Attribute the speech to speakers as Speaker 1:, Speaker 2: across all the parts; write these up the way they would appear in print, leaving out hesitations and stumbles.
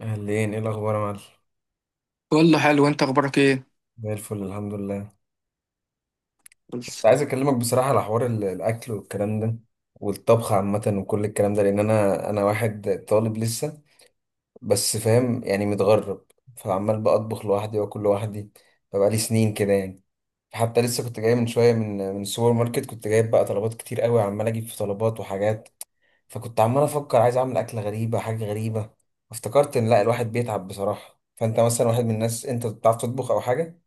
Speaker 1: اهلين، ايه الاخبار يا معلم؟
Speaker 2: كله حلو، انت اخبارك ايه؟
Speaker 1: زي الفل، الحمد لله. كنت
Speaker 2: بس.
Speaker 1: عايز اكلمك بصراحه على حوار الاكل والكلام ده والطبخ عامه وكل الكلام ده، لان انا واحد طالب لسه، بس فاهم يعني متغرب. فعمال بطبخ لوحدي واكل لوحدي فبقالي سنين كده يعني. حتى لسه كنت جاي من شويه، من السوبر ماركت، كنت جايب بقى طلبات كتير قوي، عمال اجيب في طلبات وحاجات. فكنت عمال افكر عايز اعمل اكله غريبه، حاجه غريبه. افتكرت ان لا، الواحد بيتعب بصراحه. فانت مثلا واحد من الناس، انت بتعرف تطبخ او حاجه؟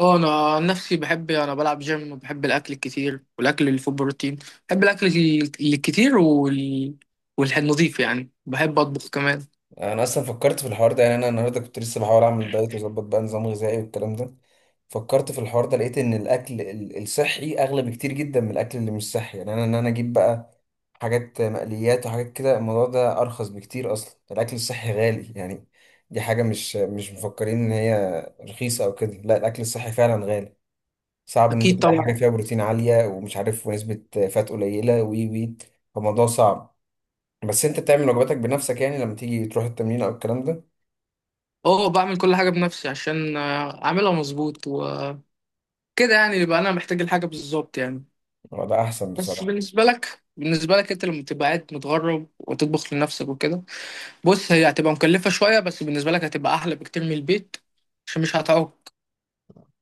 Speaker 2: اه، انا عن نفسي بحب، انا بلعب جيم وبحب الاكل الكتير والاكل اللي فيه بروتين. بحب الاكل الكتير والنظيف، يعني بحب اطبخ كمان.
Speaker 1: انا اصلا فكرت في الحوار ده، يعني انا النهارده كنت لسه بحاول اعمل دايت واظبط بقى نظام غذائي والكلام ده. فكرت في الحوار ده، لقيت ان الاكل الصحي اغلى بكتير جدا من الاكل اللي مش صحي، يعني انا اجيب بقى حاجات مقليات وحاجات كده الموضوع ده ارخص بكتير، اصلا الاكل الصحي غالي يعني. دي حاجه مش مفكرين ان هي رخيصه او كده، لا الاكل الصحي فعلا غالي. صعب ان انت
Speaker 2: اكيد
Speaker 1: تلاقي حاجه
Speaker 2: طبعا.
Speaker 1: فيها بروتين عاليه ومش عارف ونسبه فات قليله وي وي. فالموضوع صعب. بس انت بتعمل وجباتك بنفسك، يعني لما تيجي تروح التمرين او الكلام ده؟
Speaker 2: اه، بعمل كل حاجه بنفسي عشان اعملها مظبوط وكده، يعني يبقى انا محتاج الحاجه بالظبط يعني.
Speaker 1: هو ده احسن
Speaker 2: بس
Speaker 1: بصراحه.
Speaker 2: بالنسبه لك انت لما تبقى قاعد متغرب وتطبخ لنفسك وكده، بص هي هتبقى مكلفه شويه، بس بالنسبه لك هتبقى احلى بكتير من البيت عشان مش هتعوق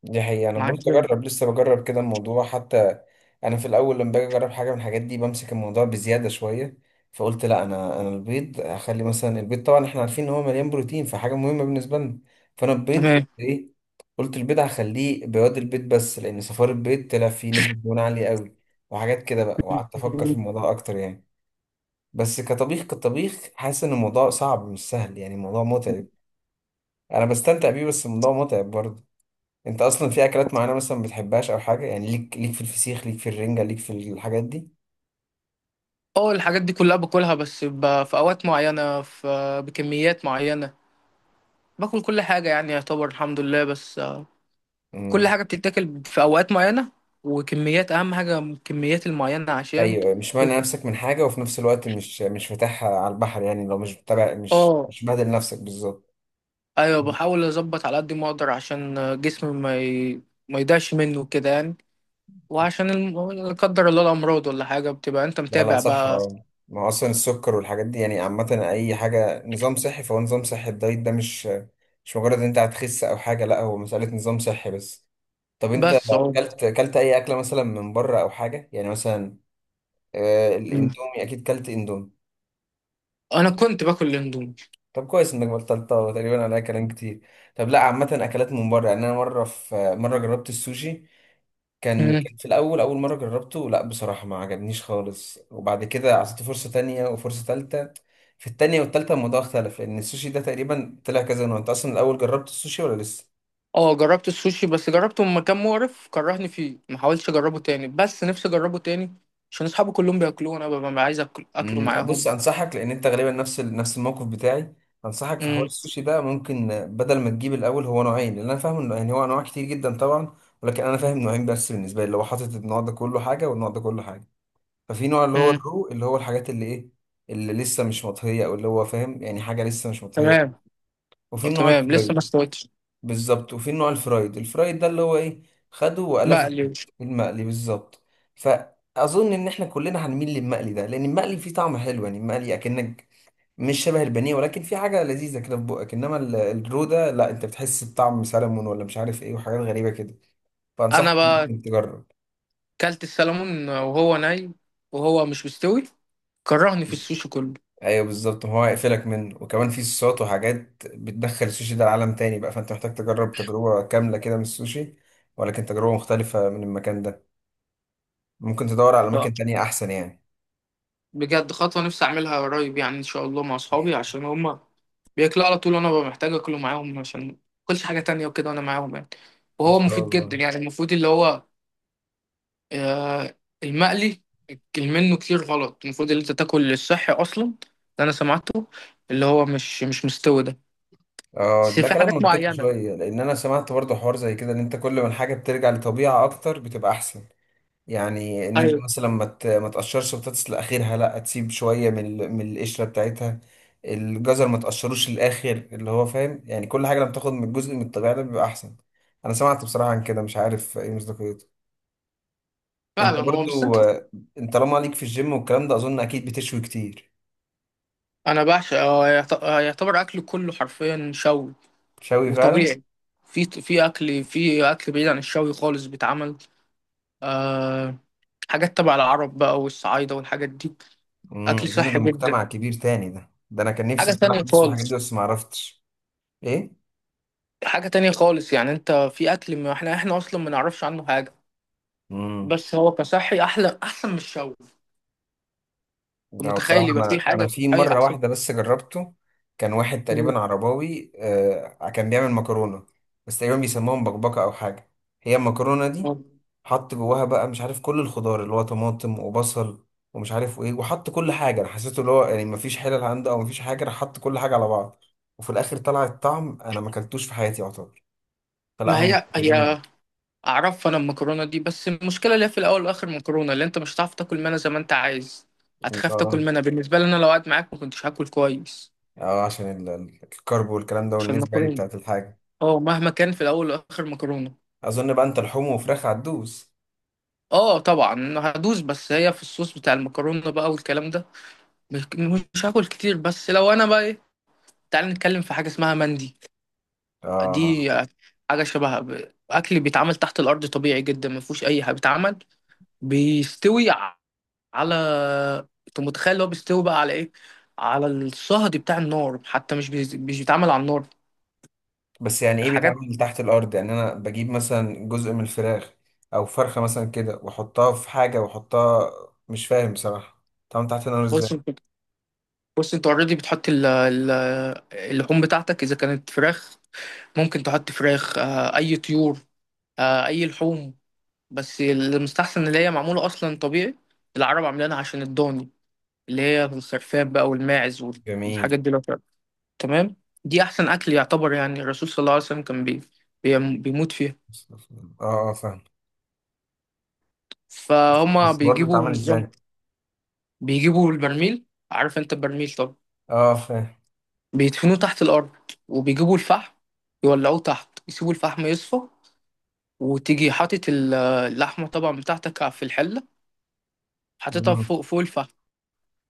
Speaker 1: دي حقيقه، انا
Speaker 2: مع
Speaker 1: بقول
Speaker 2: الجيم.
Speaker 1: اجرب، لسه بجرب كده الموضوع حتى. انا في الاول لما باجي اجرب حاجه من الحاجات دي بمسك الموضوع بزياده شويه. فقلت لا، انا البيض اخلي مثلا البيض، طبعا احنا عارفين ان هو مليان بروتين فحاجه مهمه بالنسبه لنا. فانا البيض قلت
Speaker 2: تمام.
Speaker 1: ايه؟ قلت البيض هخليه بياض البيض بس، لان صفار البيض طلع فيه نسبه دهون عاليه قوي وحاجات كده بقى، وقعدت افكر في الموضوع اكتر يعني. بس كطبيخ حاسس ان الموضوع صعب مش سهل، يعني الموضوع متعب. انا بستمتع بيه بس الموضوع متعب برضه. انت اصلا في اكلات معينه مثلا ما بتحبهاش او حاجه؟ يعني ليك في الفسيخ، ليك في الرنجه، ليك في الحاجات دي؟
Speaker 2: اه، الحاجات دي كلها باكلها، بس في اوقات معينه، بكميات معينه. باكل كل حاجه يعني، يعتبر الحمد لله، بس كل
Speaker 1: امم.
Speaker 2: حاجه بتتاكل في اوقات معينه، وكميات اهم حاجه الكميات المعينه عشان
Speaker 1: ايوه، مش مانع نفسك من حاجه وفي نفس الوقت مش فاتحها على البحر، يعني لو مش متابع مش
Speaker 2: اه،
Speaker 1: مش بادل نفسك بالظبط.
Speaker 2: ايوه، بحاول اظبط على قد ما اقدر عشان جسمي ما يضيعش منه كده يعني. وعشان لا قدر الله الامراض ولا حاجه، بتبقى انت
Speaker 1: لا، لا،
Speaker 2: متابع
Speaker 1: صح.
Speaker 2: بقى.
Speaker 1: اه، ما هو اصلا السكر والحاجات دي يعني عامه، اي حاجه نظام صحي فهو نظام صحي. الدايت ده مش مجرد ان انت هتخس او حاجه، لا هو مساله نظام صحي بس. طب انت
Speaker 2: بس اه.
Speaker 1: اكلت اي اكله مثلا من بره او حاجه، يعني مثلا
Speaker 2: مم.
Speaker 1: الاندومي؟ اكيد كلت اندومي.
Speaker 2: انا كنت باكل الاندومي.
Speaker 1: طب كويس انك بطلتها، وتقريبا عليها كلام كتير. طب لا، عامة اكلات من بره يعني، انا مرة، في مرة جربت السوشي. كان في الاول، اول مرة جربته، لا بصراحة ما عجبنيش خالص. وبعد كده عطيته فرصة تانية وفرصة تالتة. في التانية والتالتة الموضوع اختلف، لان السوشي ده تقريبا طلع كذا نوع. انت اصلا الاول جربت السوشي ولا لسه؟
Speaker 2: اه، جربت السوشي بس جربته من مكان مقرف كرهني فيه، ما حاولتش اجربه تاني، بس نفسي اجربه تاني عشان اصحابي كلهم بياكلوه، انا ببقى عايز اكل اكله
Speaker 1: مم، بص
Speaker 2: معاهم.
Speaker 1: انصحك، لان انت غالبا نفس الموقف بتاعي. انصحك في حوار
Speaker 2: امم.
Speaker 1: السوشي ده، ممكن بدل ما تجيب الاول، هو نوعين، لان انا فاهم انه يعني هو انواع كتير جدا طبعا. ولكن انا فاهم نوعين بس بالنسبه لي، اللي هو حاطط النوع ده كله حاجه والنوع ده كله حاجه. ففي نوع اللي هو
Speaker 2: امم.
Speaker 1: الرو، اللي هو الحاجات اللي ايه، اللي لسه مش مطهيه، او اللي هو فاهم يعني حاجه لسه مش
Speaker 2: تمام.
Speaker 1: مطهيه. وفي
Speaker 2: طب
Speaker 1: النوع
Speaker 2: تمام، لسه ما
Speaker 1: الفرايد.
Speaker 2: استويتش.
Speaker 1: بالظبط. وفي النوع الفرايد ده اللي هو ايه؟ خده وقلاه في الزيت.
Speaker 2: بقليوش.
Speaker 1: المقلي بالظبط. فاظن ان احنا كلنا هنميل للمقلي ده، لان المقلي فيه طعم حلو. يعني المقلي اكنك مش شبه البانيه، ولكن في حاجه لذيذه كده في بقك. انما الرو ده لا، انت بتحس بطعم سلمون ولا مش عارف ايه وحاجات غريبه كده.
Speaker 2: انا
Speaker 1: فانصحك
Speaker 2: بقى
Speaker 1: ممكن تجرب.
Speaker 2: كلت السلمون وهو ني، وهو مش مستوي، كرهني في السوشي كله.
Speaker 1: ايوه بالظبط، ما هو هيقفلك منه. وكمان في صوصات وحاجات بتدخل السوشي ده لعالم تاني بقى، فانت محتاج تجرب تجربه كامله كده من السوشي، ولكن تجربه مختلفه من المكان ده. ممكن تدور على
Speaker 2: ف-
Speaker 1: اماكن تانية احسن يعني.
Speaker 2: بجد خطوة نفسي اعملها قريب يعني ان شاء الله مع اصحابي عشان هما بياكلوا على طول، وانا ببقى محتاج اكله معاهم عشان ما اكلش حاجة تانية وكده وانا معاهم يعني.
Speaker 1: ان
Speaker 2: وهو
Speaker 1: شاء
Speaker 2: مفيد جدا
Speaker 1: الله.
Speaker 2: يعني، المفروض اللي هو آه، المقلي منه كتير غلط، المفروض اللي انت تاكل الصحي اصلا، ده انا سمعته، اللي هو مش مستوي ده.
Speaker 1: اه،
Speaker 2: بس
Speaker 1: ده
Speaker 2: في
Speaker 1: كلام
Speaker 2: حاجات
Speaker 1: منطقي
Speaker 2: معينه.
Speaker 1: شويه، لان انا سمعت برضه حوار زي كده، ان انت كل ما الحاجه بترجع لطبيعه اكتر بتبقى احسن. يعني ان انت
Speaker 2: ايوه
Speaker 1: مثلا ما تقشرش بطاطس لاخرها، لا تسيب شويه من من القشره بتاعتها. الجزر ما تقشروش للاخر، اللي هو فاهم يعني كل حاجه لما تاخد من الجزء من الطبيعه ده بيبقى احسن. انا سمعت بصراحه عن كده، مش عارف ايه مصداقيته. انت
Speaker 2: فعلا، هو بس انت.
Speaker 1: برضو آه، انت طالما ليك في الجيم والكلام ده، اظن اكيد بتشوي كتير.
Speaker 2: انا بعشق، هو يعتبر اكل كله حرفيا شوي
Speaker 1: شوي فعلا.
Speaker 2: وطبيعي. في في اكل في اكل بعيد عن الشوي خالص بيتعمل. أه، حاجات تبع العرب بقى والصعايده والحاجات دي.
Speaker 1: امم.
Speaker 2: اكل
Speaker 1: اظن ده
Speaker 2: صحي جدا،
Speaker 1: مجتمع كبير تاني. ده انا كان نفسي
Speaker 2: حاجه
Speaker 1: بصراحه
Speaker 2: تانية
Speaker 1: ادرس في الحاجات دي
Speaker 2: خالص.
Speaker 1: بس ما عرفتش. ايه.
Speaker 2: حاجه تانية خالص، يعني انت في اكل ما احنا اصلا ما نعرفش عنه حاجه.
Speaker 1: امم
Speaker 2: بس هو كصحي احلى، احسن من الشاورما. أنت
Speaker 1: ده بصراحة
Speaker 2: متخيل يبقى في
Speaker 1: أنا
Speaker 2: حاجه
Speaker 1: أنا في
Speaker 2: صحيه
Speaker 1: مرة
Speaker 2: احسن؟
Speaker 1: واحدة بس جربته. كان واحد تقريبا عرباوي، كان بيعمل مكرونة، بس تقريبا بيسموها مبكبكة أو حاجة. هي المكرونة دي،
Speaker 2: مم.
Speaker 1: حط جواها بقى مش عارف كل الخضار، اللي هو طماطم وبصل ومش عارف وإيه، وحط كل حاجة. أنا حسيته اللي هو يعني مفيش حلل عنده أو مفيش حاجة، راح حط كل حاجة على بعض. وفي الآخر طلع الطعم، أنا ما أكلتوش في حياتي يعتبر. فلا
Speaker 2: ما
Speaker 1: هم
Speaker 2: هي هي
Speaker 1: محفوظين.
Speaker 2: اعرف انا المكرونه دي، بس المشكله اللي هي في الاول والاخر مكرونه، اللي انت مش هتعرف تاكل منها زي ما انت عايز، هتخاف تاكل
Speaker 1: آه،
Speaker 2: منها. بالنسبه لي انا لو قعدت معاك ما كنتش هاكل كويس
Speaker 1: آه، عشان الكرب والكلام ده
Speaker 2: عشان
Speaker 1: والنسبة يعني
Speaker 2: المكرونه.
Speaker 1: بتاعت الحاجة.
Speaker 2: اه، مهما كان في الاول والاخر مكرونه.
Speaker 1: أظن بقى أنت لحوم وفراخ هتدوس.
Speaker 2: اه طبعا هدوس، بس هي في الصوص بتاع المكرونه بقى والكلام ده، مش مش هاكل كتير، بس لو انا بقى ايه، تعال نتكلم في حاجه اسمها مندي.
Speaker 1: آه.
Speaker 2: دي حاجة شبه أكل بيتعمل تحت الأرض، طبيعي جدا ما فيهوش أي حاجة، بيتعمل بيستوي على. أنت متخيل اللي هو بيستوي بقى على إيه؟ على الصهد بتاع النار، حتى مش بيتعمل على النار.
Speaker 1: بس يعني ايه
Speaker 2: حاجات.
Speaker 1: بيتعمل تحت الارض؟ يعني انا بجيب مثلا جزء من الفراخ، او فرخه مثلا كده واحطها في حاجه واحطها، مش فاهم بصراحه اتعمل تحت النار
Speaker 2: بص
Speaker 1: ازاي.
Speaker 2: أنت- بص أنت أوريدي بتحط اللحوم بتاعتك، إذا كانت فراخ ممكن تحط فراخ، أي طيور، أي لحوم، بس المستحسن اللي هي معمولة أصلا طبيعي، العرب عاملينها عشان الضاني اللي هي الخرفان بقى والماعز والحاجات
Speaker 1: جميل.
Speaker 2: دي. تمام. دي احسن اكل يعتبر، يعني الرسول صلى الله عليه وسلم كان بيموت فيها.
Speaker 1: اه، اه، فاهم.
Speaker 2: فهما
Speaker 1: بس برضه
Speaker 2: بيجيبوا
Speaker 1: اتعمل
Speaker 2: نظام،
Speaker 1: ازاي؟
Speaker 2: بيجيبوا البرميل، عارف انت البرميل؟ طب
Speaker 1: اه، فاهم.
Speaker 2: بيدفنوه تحت الارض وبيجيبوا الفحم، يولعوه تحت، يسيبوا الفحم يصفى، وتيجي حاطط اللحمه طبعا بتاعتك في الحله، حاططها
Speaker 1: مم.
Speaker 2: فوق فوق الفحم،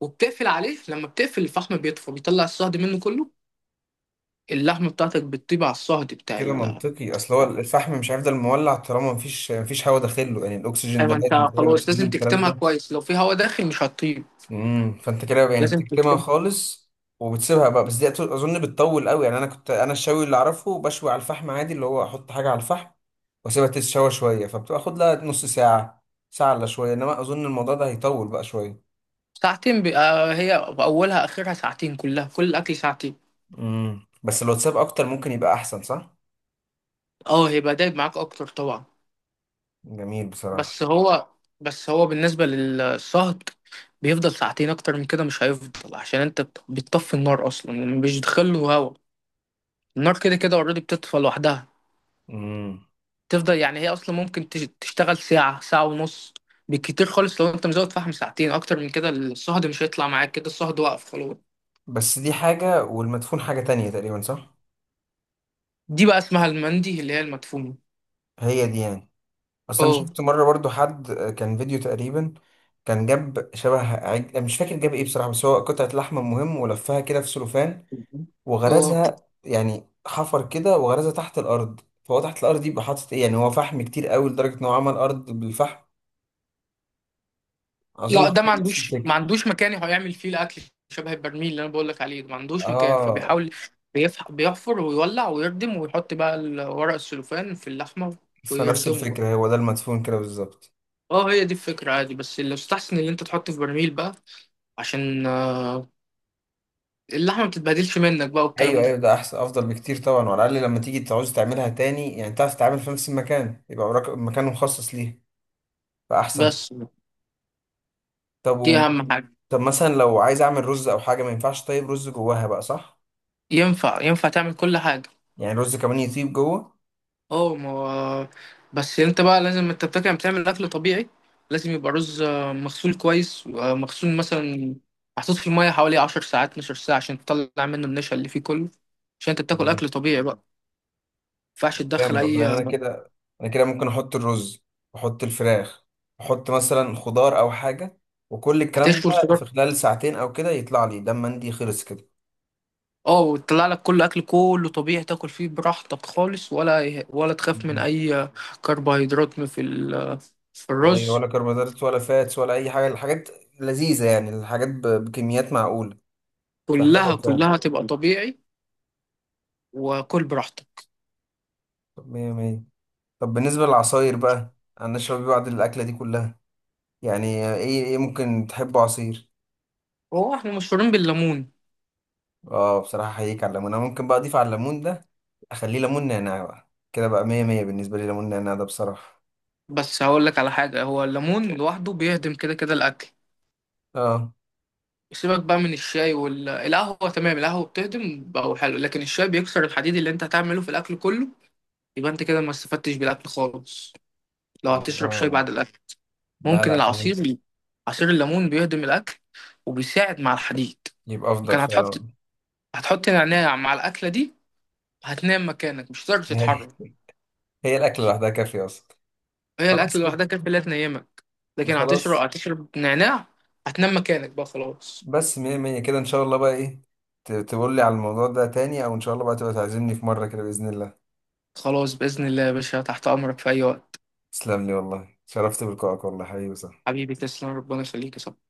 Speaker 2: وبتقفل عليه. لما بتقفل، الفحم بيطفى، بيطلع الصهد منه كله، اللحمه بتاعتك بتطيب على الصهد بتاع
Speaker 1: كده
Speaker 2: الفحم.
Speaker 1: منطقي، اصل هو الفحم مش هيفضل مولع طالما مفيش هواء داخله، يعني الاكسجين ده
Speaker 2: ايوه،
Speaker 1: لازم
Speaker 2: انت
Speaker 1: يتعمل
Speaker 2: خلاص
Speaker 1: اكسجين
Speaker 2: لازم
Speaker 1: والكلام
Speaker 2: تكتمها
Speaker 1: ده.
Speaker 2: كويس، لو في هواء داخل مش هتطيب.
Speaker 1: فانت كده يعني
Speaker 2: لازم.
Speaker 1: بتكتمها خالص. وبتسيبها بقى. بس دي اظن بتطول قوي، يعني انا الشوي اللي اعرفه، بشوي على الفحم عادي، اللي هو احط حاجه على الفحم واسيبها تتشوى شويه فبتاخد لها نص ساعه، ساعه الا شويه. انما اظن الموضوع ده هيطول بقى شويه.
Speaker 2: ساعتين بي... آه هي اولها اخرها ساعتين كلها، كل الاكل ساعتين.
Speaker 1: بس لو تساب اكتر ممكن يبقى احسن صح.
Speaker 2: اه، هيبقى دايب معاك اكتر طبعا.
Speaker 1: جميل بصراحه.
Speaker 2: بس هو بس هو بالنسبه للصهد، بيفضل ساعتين، اكتر من كده مش هيفضل عشان انت بتطفي النار اصلا، يعني مش له هوا، النار كده كده اوريدي بتطفى لوحدها،
Speaker 1: امم.
Speaker 2: تفضل يعني هي اصلا ممكن تشتغل ساعه، ساعه ونص بالكتير خالص. لو انت مزود فحم ساعتين، اكتر من كده الصهد مش هيطلع معاك، كده الصهد واقف خلاص.
Speaker 1: بس دي حاجه والمدفون حاجه تانية تقريبا صح؟
Speaker 2: دي بقى اسمها المندي، اللي هي المدفونه.
Speaker 1: هي دي يعني. بس انا
Speaker 2: اه،
Speaker 1: شفت مره برضو حد، كان فيديو تقريبا. كان جاب شبه مش فاكر جاب ايه بصراحه، بس هو قطعه لحم مهم، ولفها كده في سلوفان
Speaker 2: اه.
Speaker 1: وغرزها، يعني حفر كده وغرزها تحت الارض. فهو تحت الارض دي يبقى حاطط ايه؟ يعني هو فحم كتير قوي لدرجه ان هو عمل ارض بالفحم. اظن
Speaker 2: لا ده
Speaker 1: حاجه
Speaker 2: ما
Speaker 1: نفس
Speaker 2: عندوش ما
Speaker 1: الفكره.
Speaker 2: عندوش مكان هيعمل فيه الاكل، شبه البرميل اللي انا بقول لك عليه ده ما عندوش مكان،
Speaker 1: اه.
Speaker 2: فبيحاول بيحفر ويولع ويردم، ويحط بقى ورق السلوفان في اللحمه،
Speaker 1: فنفس
Speaker 2: ويردمه بقى.
Speaker 1: الفكره، هو ده المدفون كده بالظبط.
Speaker 2: اه، هي دي الفكره عادي، بس اللي يستحسن اللي انت تحطه في برميل بقى عشان اللحمه ما بتتبهدلش منك بقى
Speaker 1: ايوه،
Speaker 2: والكلام ده.
Speaker 1: ايوه، ده احسن، افضل بكتير طبعا. وعلى الاقل لما تيجي تعوز تعملها تاني يعني تعرف تتعامل في نفس المكان، يبقى وراك مكان مخصص ليه فاحسن.
Speaker 2: بس
Speaker 1: طب
Speaker 2: دي
Speaker 1: و...
Speaker 2: اهم حاجه.
Speaker 1: طب مثلا لو عايز اعمل رز او حاجه ما ينفعش؟ طيب رز جواها بقى صح؟
Speaker 2: ينفع تعمل كل حاجه.
Speaker 1: يعني الرز كمان يطيب جوه؟
Speaker 2: اه، ما هو- بس انت بقى لازم، انت بتاكل بتعمل اكل طبيعي، لازم يبقى رز مغسول كويس، مغسول مثلا محطوط في الميه حوالي 10 ساعات 12 ساعه عشان تطلع منه النشا اللي فيه كله، عشان انت بتاكل
Speaker 1: مم.
Speaker 2: اكل طبيعي بقى ما ينفعش تدخل
Speaker 1: جامد والله.
Speaker 2: اي
Speaker 1: انا كده، انا كده ممكن احط الرز واحط الفراخ واحط مثلا خضار او حاجه، وكل الكلام
Speaker 2: هتشوي
Speaker 1: ده في
Speaker 2: الخضار.
Speaker 1: خلال ساعتين او كده يطلع لي دم مندي، خلص كده.
Speaker 2: اه، وتطلع لك كل اكل كله طبيعي تاكل فيه براحتك خالص، ولا تخاف من
Speaker 1: مم.
Speaker 2: اي كربوهيدرات في ال- آه، في
Speaker 1: اي،
Speaker 2: الرز.
Speaker 1: ولا كربوهيدرات ولا فاتس ولا اي حاجه، الحاجات لذيذه يعني، الحاجات بكميات معقوله
Speaker 2: كلها
Speaker 1: فحلوه فعلا.
Speaker 2: كلها تبقى طبيعي وكل براحتك.
Speaker 1: طب مية مية. طب بالنسبه للعصاير بقى، انا اشرب إيه بعد الاكله دي كلها؟ يعني ايه ممكن تحبه عصير؟
Speaker 2: هو احنا مشهورين بالليمون.
Speaker 1: اه، بصراحة احييك على الليمون. انا ممكن بقى اضيف على الليمون ده، اخليه ليمون نعناع بقى كده بقى. مية مية بالنسبة لي، ليمون نعناع ده بصراحة.
Speaker 2: بس هقول لك على حاجة، هو الليمون لوحده بيهضم كده كده الأكل،
Speaker 1: اه.
Speaker 2: سيبك بقى من الشاي والقهوة. تمام، القهوة بتهضم بقى، هو حلو، لكن الشاي بيكسر الحديد اللي أنت هتعمله في الأكل كله، يبقى أنت كده ما استفدتش بالأكل خالص لو هتشرب شاي
Speaker 1: اه،
Speaker 2: بعد الأكل.
Speaker 1: لا،
Speaker 2: ممكن
Speaker 1: لا، فهمت.
Speaker 2: العصير، عصير الليمون بيهضم الأكل وبيساعد مع الحديد.
Speaker 1: يبقى افضل
Speaker 2: كان هتحط
Speaker 1: فعلا.
Speaker 2: هتحط نعناع مع الأكلة دي، هتنام مكانك مش هتقدر
Speaker 1: هي،
Speaker 2: تتحرك.
Speaker 1: هي الاكل لوحدها كافية اصلا.
Speaker 2: هي الأكل
Speaker 1: خلاص كده.
Speaker 2: لوحدها كانت لا تنيمك، لكن هتشرب
Speaker 1: خلاص.
Speaker 2: هتشرب نعناع هتنام مكانك بقى خلاص.
Speaker 1: بس مية مية كده ان شاء الله بقى ايه، تقول لي على الموضوع ده تاني، او ان شاء الله بقى تبقى تعزمني في مرة كده بإذن الله.
Speaker 2: خلاص بإذن الله يا باشا، تحت أمرك في أي وقت.
Speaker 1: تسلم لي والله، شرفت بلقائك والله، حبيبي صح.
Speaker 2: حبيبي تسلم، ربنا يخليك يا صاحبي.